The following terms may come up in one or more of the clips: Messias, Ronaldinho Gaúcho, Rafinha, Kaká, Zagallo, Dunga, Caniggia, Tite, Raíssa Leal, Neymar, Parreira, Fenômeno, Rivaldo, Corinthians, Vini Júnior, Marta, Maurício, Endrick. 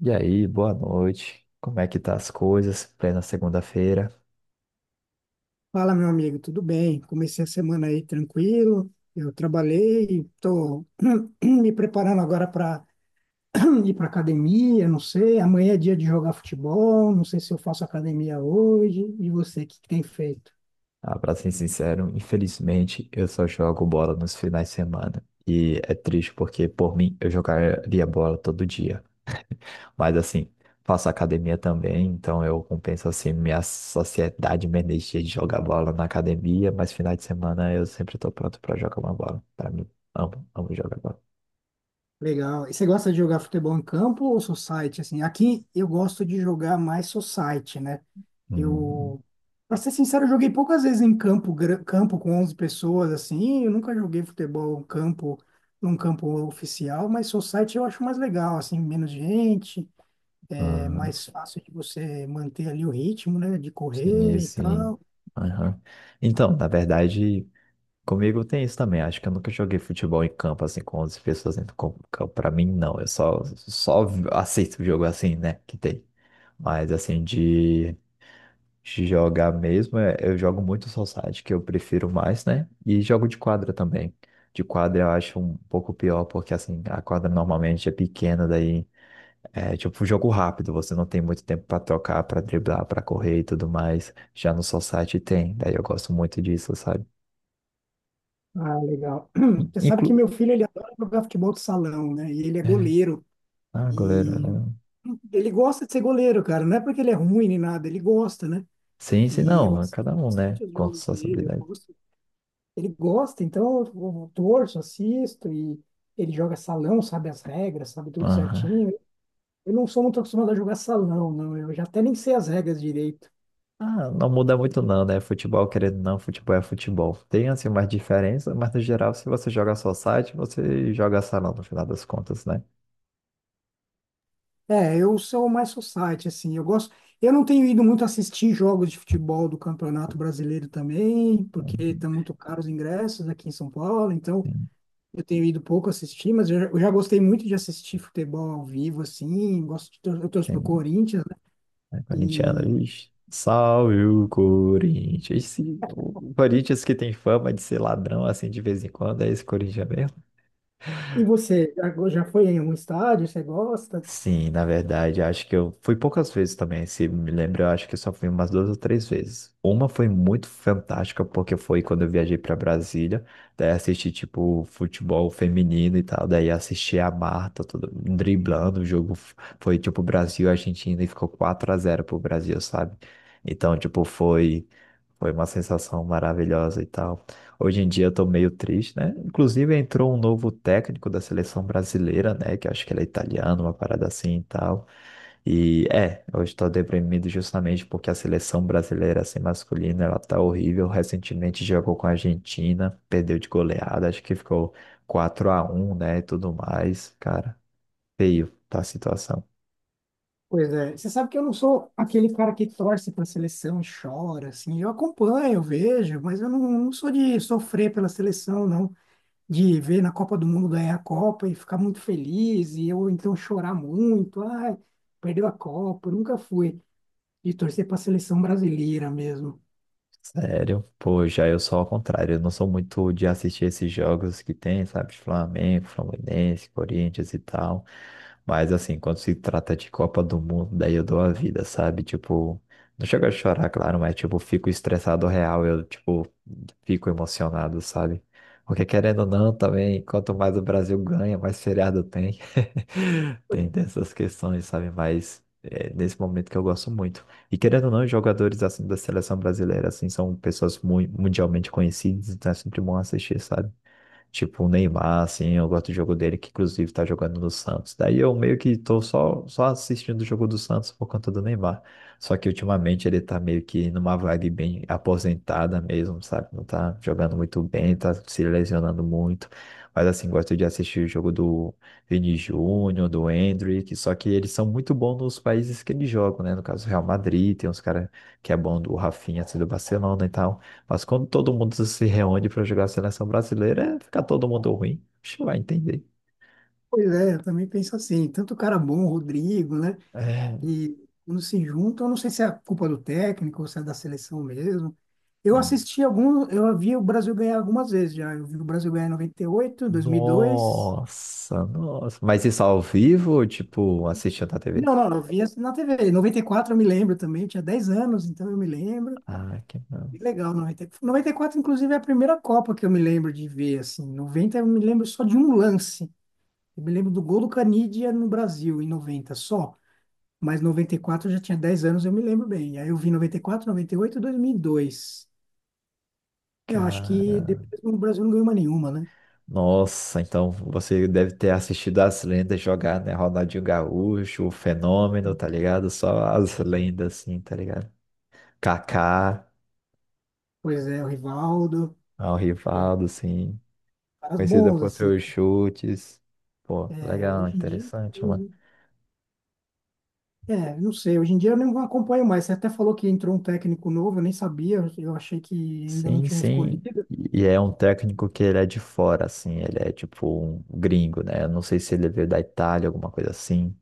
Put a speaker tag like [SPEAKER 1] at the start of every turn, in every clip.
[SPEAKER 1] E aí, boa noite. Como é que tá as coisas? Plena segunda-feira.
[SPEAKER 2] Fala, meu amigo, tudo bem? Comecei a semana aí tranquilo. Eu trabalhei, estou me preparando agora para ir para academia. Não sei, amanhã é dia de jogar futebol. Não sei se eu faço academia hoje. E você, o que que tem feito?
[SPEAKER 1] Ah, pra ser sincero, infelizmente eu só jogo bola nos finais de semana. E é triste porque, por mim, eu jogaria bola todo dia. Mas assim, faço academia também, então eu compenso assim minha sociedade, minha energia de jogar bola na academia, mas finais de semana eu sempre tô pronto pra jogar uma bola. Pra mim, amo, amo jogar bola.
[SPEAKER 2] Legal. E você gosta de jogar futebol em campo ou society? Assim, aqui eu gosto de jogar mais society, né?
[SPEAKER 1] Uhum.
[SPEAKER 2] Eu, pra ser sincero, eu joguei poucas vezes em campo, campo com 11 pessoas, assim. Eu nunca joguei futebol em campo, num campo oficial, mas society eu acho mais legal, assim, menos gente, é
[SPEAKER 1] Uhum.
[SPEAKER 2] mais fácil de você manter ali o ritmo, né, de
[SPEAKER 1] Sim,
[SPEAKER 2] correr e
[SPEAKER 1] sim.
[SPEAKER 2] tal.
[SPEAKER 1] Aham. Então, na verdade, comigo tem isso também. Acho que eu nunca joguei futebol em campo assim com 11 pessoas dentro do campo. Pra mim, não. Eu só aceito jogo assim, né? Que tem. Mas assim, de jogar mesmo, eu jogo muito society, que eu prefiro mais, né? E jogo de quadra também. De quadra eu acho um pouco pior, porque assim, a quadra normalmente é pequena, daí é tipo um jogo rápido, você não tem muito tempo pra trocar, pra driblar, pra correr e tudo mais. Já no society tem, daí eu gosto muito disso, sabe?
[SPEAKER 2] Ah, legal.
[SPEAKER 1] In-
[SPEAKER 2] Você sabe que
[SPEAKER 1] Inclu...
[SPEAKER 2] meu filho, ele adora jogar futebol de salão, né, e ele é goleiro.
[SPEAKER 1] Ah, goleiro,
[SPEAKER 2] E
[SPEAKER 1] né?
[SPEAKER 2] ele gosta de ser goleiro, cara. Não é porque ele é ruim nem nada, ele gosta, né?
[SPEAKER 1] Sim, sim,
[SPEAKER 2] E eu
[SPEAKER 1] não. É
[SPEAKER 2] assisto
[SPEAKER 1] cada um, né?
[SPEAKER 2] bastante os
[SPEAKER 1] Com
[SPEAKER 2] jogos
[SPEAKER 1] suas
[SPEAKER 2] dele, eu
[SPEAKER 1] habilidades.
[SPEAKER 2] gosto, ele gosta, então eu torço, assisto, e ele joga salão, sabe as regras, sabe tudo
[SPEAKER 1] Aham.
[SPEAKER 2] certinho. Eu não sou muito acostumado a jogar salão, não. Eu já até nem sei as regras direito.
[SPEAKER 1] Ah, não muda muito não, né? Futebol, querendo ou não, futebol é futebol. Tem, assim, umas diferenças, mas no geral, se você joga só site, você joga salão, no final das contas, né?
[SPEAKER 2] É, eu sou mais society, assim. Eu gosto. Eu não tenho ido muito assistir jogos de futebol do Campeonato Brasileiro também, porque
[SPEAKER 1] Uhum.
[SPEAKER 2] estão muito caros os ingressos aqui em São Paulo, então
[SPEAKER 1] Sim,
[SPEAKER 2] eu tenho ido pouco assistir, mas eu já gostei muito de assistir futebol ao vivo, assim. Gosto de, eu torço pro
[SPEAKER 1] sim.
[SPEAKER 2] Corinthians, né?
[SPEAKER 1] É corintiano, ixi. Salve o Corinthians. O Corinthians que tem fama de ser ladrão, assim, de vez em quando, é esse Corinthians mesmo?
[SPEAKER 2] E você, já foi em um estádio? Você gosta?
[SPEAKER 1] Sim, na verdade, acho que eu fui poucas vezes também, se me lembro, eu acho que eu só fui umas duas ou três vezes. Uma foi muito fantástica, porque foi quando eu viajei para Brasília, daí assisti, tipo, futebol feminino e tal, daí assisti a Marta tudo, driblando, o foi, tipo, Brasil-Argentina e Argentina, e ficou 4 a zero pro Brasil, sabe? Então, tipo, foi. Foi uma sensação maravilhosa e tal. Hoje em dia eu tô meio triste, né? Inclusive entrou um novo técnico da seleção brasileira, né? Que eu acho que ele é italiano, uma parada assim e tal. E é, eu estou deprimido justamente porque a seleção brasileira, assim, masculina, ela tá horrível. Recentemente jogou com a Argentina, perdeu de goleada, acho que ficou 4 a um, né? E tudo mais. Cara, feio tá a situação.
[SPEAKER 2] Pois é. Você sabe que eu não sou aquele cara que torce para a seleção e chora, assim. Eu acompanho, eu vejo, mas eu não, não sou de sofrer pela seleção, não. De ver na Copa do Mundo ganhar a Copa e ficar muito feliz, e eu então chorar muito. Ai, perdeu a Copa. Eu nunca fui de torcer para a seleção brasileira mesmo.
[SPEAKER 1] Sério, pô, já eu sou ao contrário, eu não sou muito de assistir esses jogos que tem, sabe, Flamengo, Fluminense, Corinthians e tal, mas assim, quando se trata de Copa do Mundo, daí eu dou a vida, sabe, tipo, não chego a chorar, claro, mas tipo, fico estressado real, eu tipo, fico emocionado, sabe, porque querendo ou não, também, quanto mais o Brasil ganha, mais feriado tem,
[SPEAKER 2] Pois
[SPEAKER 1] tem dessas questões, sabe, mas é nesse momento que eu gosto muito. E querendo ou não, os jogadores assim da seleção brasileira assim são pessoas mundialmente conhecidas, então é sempre bom assistir, sabe? Tipo, o Neymar, assim, eu gosto do jogo dele, que inclusive tá jogando no Santos. Daí eu meio que tô só assistindo o jogo do Santos por conta do Neymar. Só que ultimamente ele tá meio que numa vibe bem aposentada mesmo, sabe? Não tá jogando muito bem, tá se lesionando muito. Mas assim, gosto de assistir o jogo do Vini Júnior, do Endrick, só que eles são muito bons nos países que eles jogam, né? No caso, Real Madrid, tem uns caras que é bom do Rafinha, assim, do Barcelona e tal. Mas quando todo mundo se reúne para jogar a seleção brasileira, fica todo mundo ruim. Acho que vai entender.
[SPEAKER 2] pois é, eu também penso assim. Tanto cara bom, Rodrigo, né?
[SPEAKER 1] É.
[SPEAKER 2] E quando se juntam, eu não sei se é culpa do técnico ou se é da seleção mesmo. Eu assisti algum, eu vi o Brasil ganhar algumas vezes já. Eu vi o Brasil ganhar em noventa e oito, dois mil e dois.
[SPEAKER 1] Nossa, nossa. Mas isso ao vivo, ou, tipo, assistindo na TV?
[SPEAKER 2] Não, não, eu vi assim na TV. Em 94, eu me lembro também, eu tinha 10 anos, então eu me lembro.
[SPEAKER 1] Ah, que
[SPEAKER 2] Que
[SPEAKER 1] massa.
[SPEAKER 2] legal, noventa e quatro, inclusive, é a primeira Copa que eu me lembro de ver, assim. 90, eu me lembro só de um lance. Eu me lembro do gol do Caniggia no Brasil, em 90 só. Mas 94 eu já tinha 10 anos, eu me lembro bem. Aí eu vi noventa e quatro, noventa e oito, e 2002. Eu acho
[SPEAKER 1] Cara.
[SPEAKER 2] que depois o Brasil não ganhou mais nenhuma, né?
[SPEAKER 1] Nossa, então você deve ter assistido as lendas jogar, né? Ronaldinho Gaúcho, o Fenômeno, tá ligado? Só as lendas, assim, tá ligado? Kaká,
[SPEAKER 2] Pois é, o Rivaldo,
[SPEAKER 1] ah, o
[SPEAKER 2] eu-
[SPEAKER 1] Rivaldo, assim.
[SPEAKER 2] caras
[SPEAKER 1] Conhecida
[SPEAKER 2] bons,
[SPEAKER 1] por
[SPEAKER 2] assim.
[SPEAKER 1] seus chutes. Pô,
[SPEAKER 2] É,
[SPEAKER 1] legal,
[SPEAKER 2] hoje em dia,
[SPEAKER 1] interessante.
[SPEAKER 2] é, não sei, hoje em dia eu não acompanho mais. Você até falou que entrou um técnico novo, eu nem sabia, eu achei que ainda não
[SPEAKER 1] Sim,
[SPEAKER 2] tinham
[SPEAKER 1] sim.
[SPEAKER 2] escolhido.
[SPEAKER 1] E é um técnico que ele é de fora, assim, ele é tipo um gringo, né? Eu não sei se ele veio da Itália, alguma coisa assim,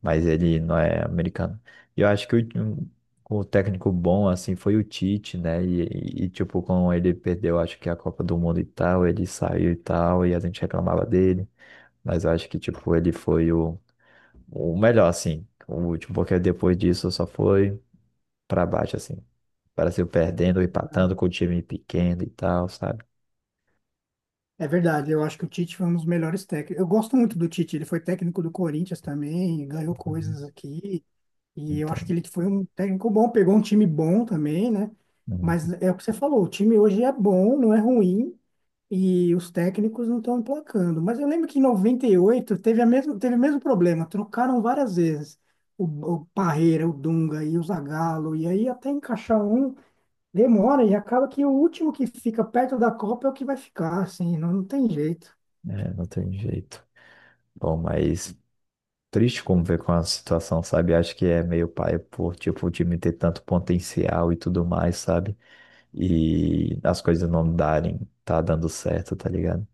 [SPEAKER 1] mas ele não é americano. E eu acho que o técnico bom, assim, foi o Tite, né? E tipo, quando ele perdeu, acho que a Copa do Mundo e tal, ele saiu e tal, e a gente reclamava dele, mas eu acho que, tipo, ele foi o melhor, assim. O último, porque depois disso só foi para baixo, assim. O Brasil perdendo,
[SPEAKER 2] É verdade.
[SPEAKER 1] empatando com o time pequeno e tal, sabe?
[SPEAKER 2] É verdade, eu acho que o Tite foi um dos melhores técnicos. Eu gosto muito do Tite, ele foi técnico do Corinthians também, ganhou coisas aqui. E eu acho
[SPEAKER 1] Então,
[SPEAKER 2] que ele foi um técnico bom, pegou um time bom também, né? Mas
[SPEAKER 1] uhum,
[SPEAKER 2] é o que você falou, o time hoje é bom, não é ruim, e os técnicos não estão emplacando. Mas eu lembro que em 98 teve a mesma, teve o mesmo problema, trocaram várias vezes o, o Parreira, o Dunga e o Zagallo, e aí até encaixar um demora, e acaba que o último que fica perto da Copa é o que vai ficar, assim, não, não tem jeito.
[SPEAKER 1] é, não tem jeito. Bom, mas triste como ver com a situação, sabe? Acho que é meio paia por, tipo, o time ter tanto potencial e tudo mais, sabe? E as coisas não darem, tá dando certo, tá ligado?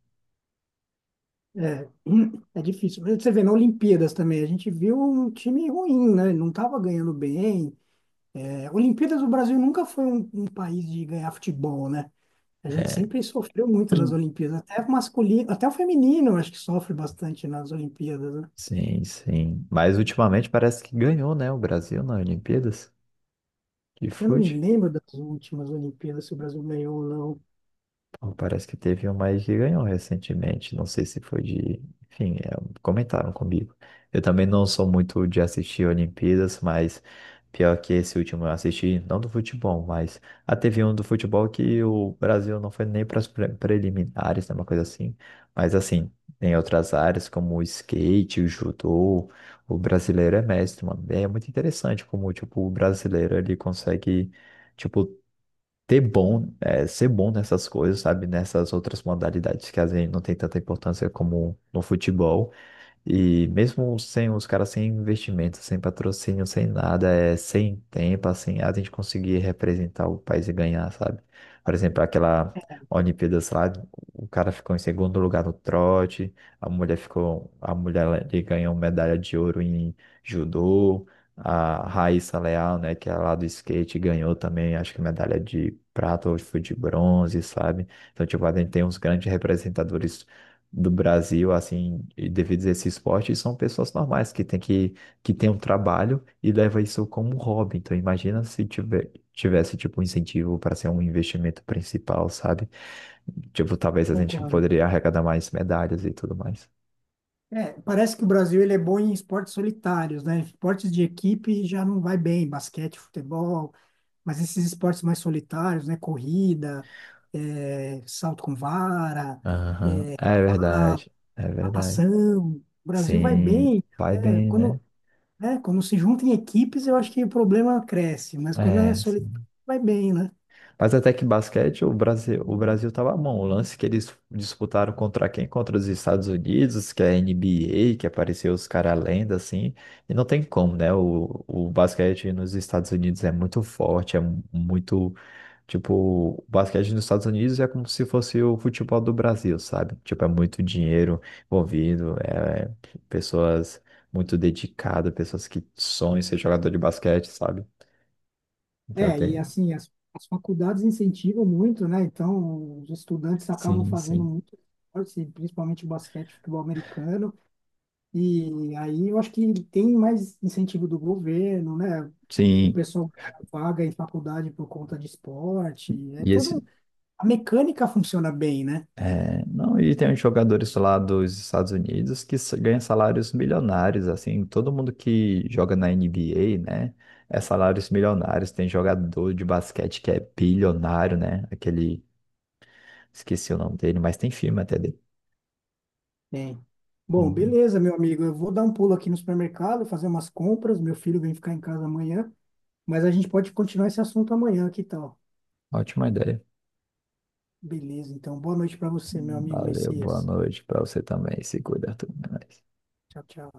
[SPEAKER 2] É, é difícil. Mas você vê, na Olimpíadas também, a gente viu um time ruim, né? Não estava ganhando bem, é, Olimpíadas, o Brasil nunca foi um país de ganhar futebol, né? A gente sempre sofreu muito nas Olimpíadas, até o masculino, até o feminino, eu acho que sofre bastante nas Olimpíadas, né?
[SPEAKER 1] Sim, sim. Mas ultimamente parece que ganhou, né? O Brasil nas Olimpíadas de
[SPEAKER 2] Eu não me
[SPEAKER 1] fute.
[SPEAKER 2] lembro das últimas Olimpíadas, se o Brasil ganhou ou não.
[SPEAKER 1] Bom, parece que teve um mais que ganhou recentemente. Não sei se foi de. Enfim, é, comentaram comigo. Eu também não sou muito de assistir Olimpíadas, mas pior que esse último eu assisti, não do futebol, mas a teve um do futebol que o Brasil não foi nem para as preliminares, né, uma coisa assim. Mas assim, tem outras áreas como o skate, o judô, o brasileiro é mestre, mano. É muito interessante como, tipo, o brasileiro ele consegue. Tipo, ter bom, é, ser bom nessas coisas, sabe? Nessas outras modalidades que às vezes não tem tanta importância como no futebol. E mesmo sem os caras sem investimento, sem patrocínio, sem nada, é sem tempo, assim, a gente conseguir representar o país e ganhar, sabe? Por exemplo, aquela Olimpíadas lá, o cara ficou em segundo lugar no trote, a mulher ficou, a ele ganhou medalha de ouro em judô, a Raíssa Leal, né, que é lá do skate, ganhou também, acho que medalha de prata ou foi de bronze, sabe? Então, tipo, a gente tem uns grandes representadores do Brasil, assim, devido a esse esporte, são pessoas normais que tem um trabalho e leva isso como hobby. Então, imagina se tiver, tivesse, tipo, um incentivo para ser um investimento principal, sabe? Tipo, talvez a gente
[SPEAKER 2] Concordo.
[SPEAKER 1] poderia arrecadar mais medalhas e tudo mais.
[SPEAKER 2] É, parece que o Brasil ele é bom em esportes solitários, né? Esportes de equipe já não vai bem, basquete, futebol, mas esses esportes mais solitários, né? Corrida, é, salto com vara,
[SPEAKER 1] Aham,
[SPEAKER 2] é,
[SPEAKER 1] é
[SPEAKER 2] cavalo,
[SPEAKER 1] verdade, é verdade.
[SPEAKER 2] natação, o Brasil vai
[SPEAKER 1] Sim,
[SPEAKER 2] bem.
[SPEAKER 1] vai
[SPEAKER 2] É,
[SPEAKER 1] bem, né?
[SPEAKER 2] quando, né, quando se junta em equipes, eu acho que o problema cresce, mas quando é
[SPEAKER 1] É,
[SPEAKER 2] solitário,
[SPEAKER 1] sim.
[SPEAKER 2] vai bem, né?
[SPEAKER 1] Mas até que basquete, o Brasil tava bom. O lance que eles disputaram contra quem? Contra os Estados Unidos, que é NBA, que apareceu os caras lenda, assim. E não tem como, né? O basquete nos Estados Unidos é muito forte, é muito. Tipo, o basquete nos Estados Unidos é como se fosse o futebol do Brasil, sabe? Tipo, é muito dinheiro envolvido, é pessoas muito dedicadas, pessoas que sonham em ser jogador de basquete, sabe? Então
[SPEAKER 2] É, e
[SPEAKER 1] tem.
[SPEAKER 2] assim, as faculdades incentivam muito, né? Então, os estudantes acabam
[SPEAKER 1] Sim,
[SPEAKER 2] fazendo
[SPEAKER 1] sim.
[SPEAKER 2] muito esporte, principalmente basquete, futebol americano, e aí eu acho que tem mais incentivo do governo, né? O
[SPEAKER 1] Sim,
[SPEAKER 2] pessoal ganha vaga em faculdade por conta de esporte, é
[SPEAKER 1] E
[SPEAKER 2] todo,
[SPEAKER 1] esse,
[SPEAKER 2] a mecânica funciona bem, né?
[SPEAKER 1] é, não, e tem uns jogadores lá dos Estados Unidos que ganham salários milionários, assim, todo mundo que joga na NBA, né, é salários milionários. Tem jogador de basquete que é bilionário, né, aquele, esqueci o nome dele, mas tem filme até dele.
[SPEAKER 2] Tem. Bom,
[SPEAKER 1] Uhum.
[SPEAKER 2] beleza, meu amigo. Eu vou dar um pulo aqui no supermercado, fazer umas compras. Meu filho vem ficar em casa amanhã, mas a gente pode continuar esse assunto amanhã, que tal?
[SPEAKER 1] Ótima ideia.
[SPEAKER 2] Beleza, então. Boa noite para você, meu amigo
[SPEAKER 1] Valeu, boa
[SPEAKER 2] Messias.
[SPEAKER 1] noite pra você também, se cuida, tudo mais.
[SPEAKER 2] Tchau, tchau.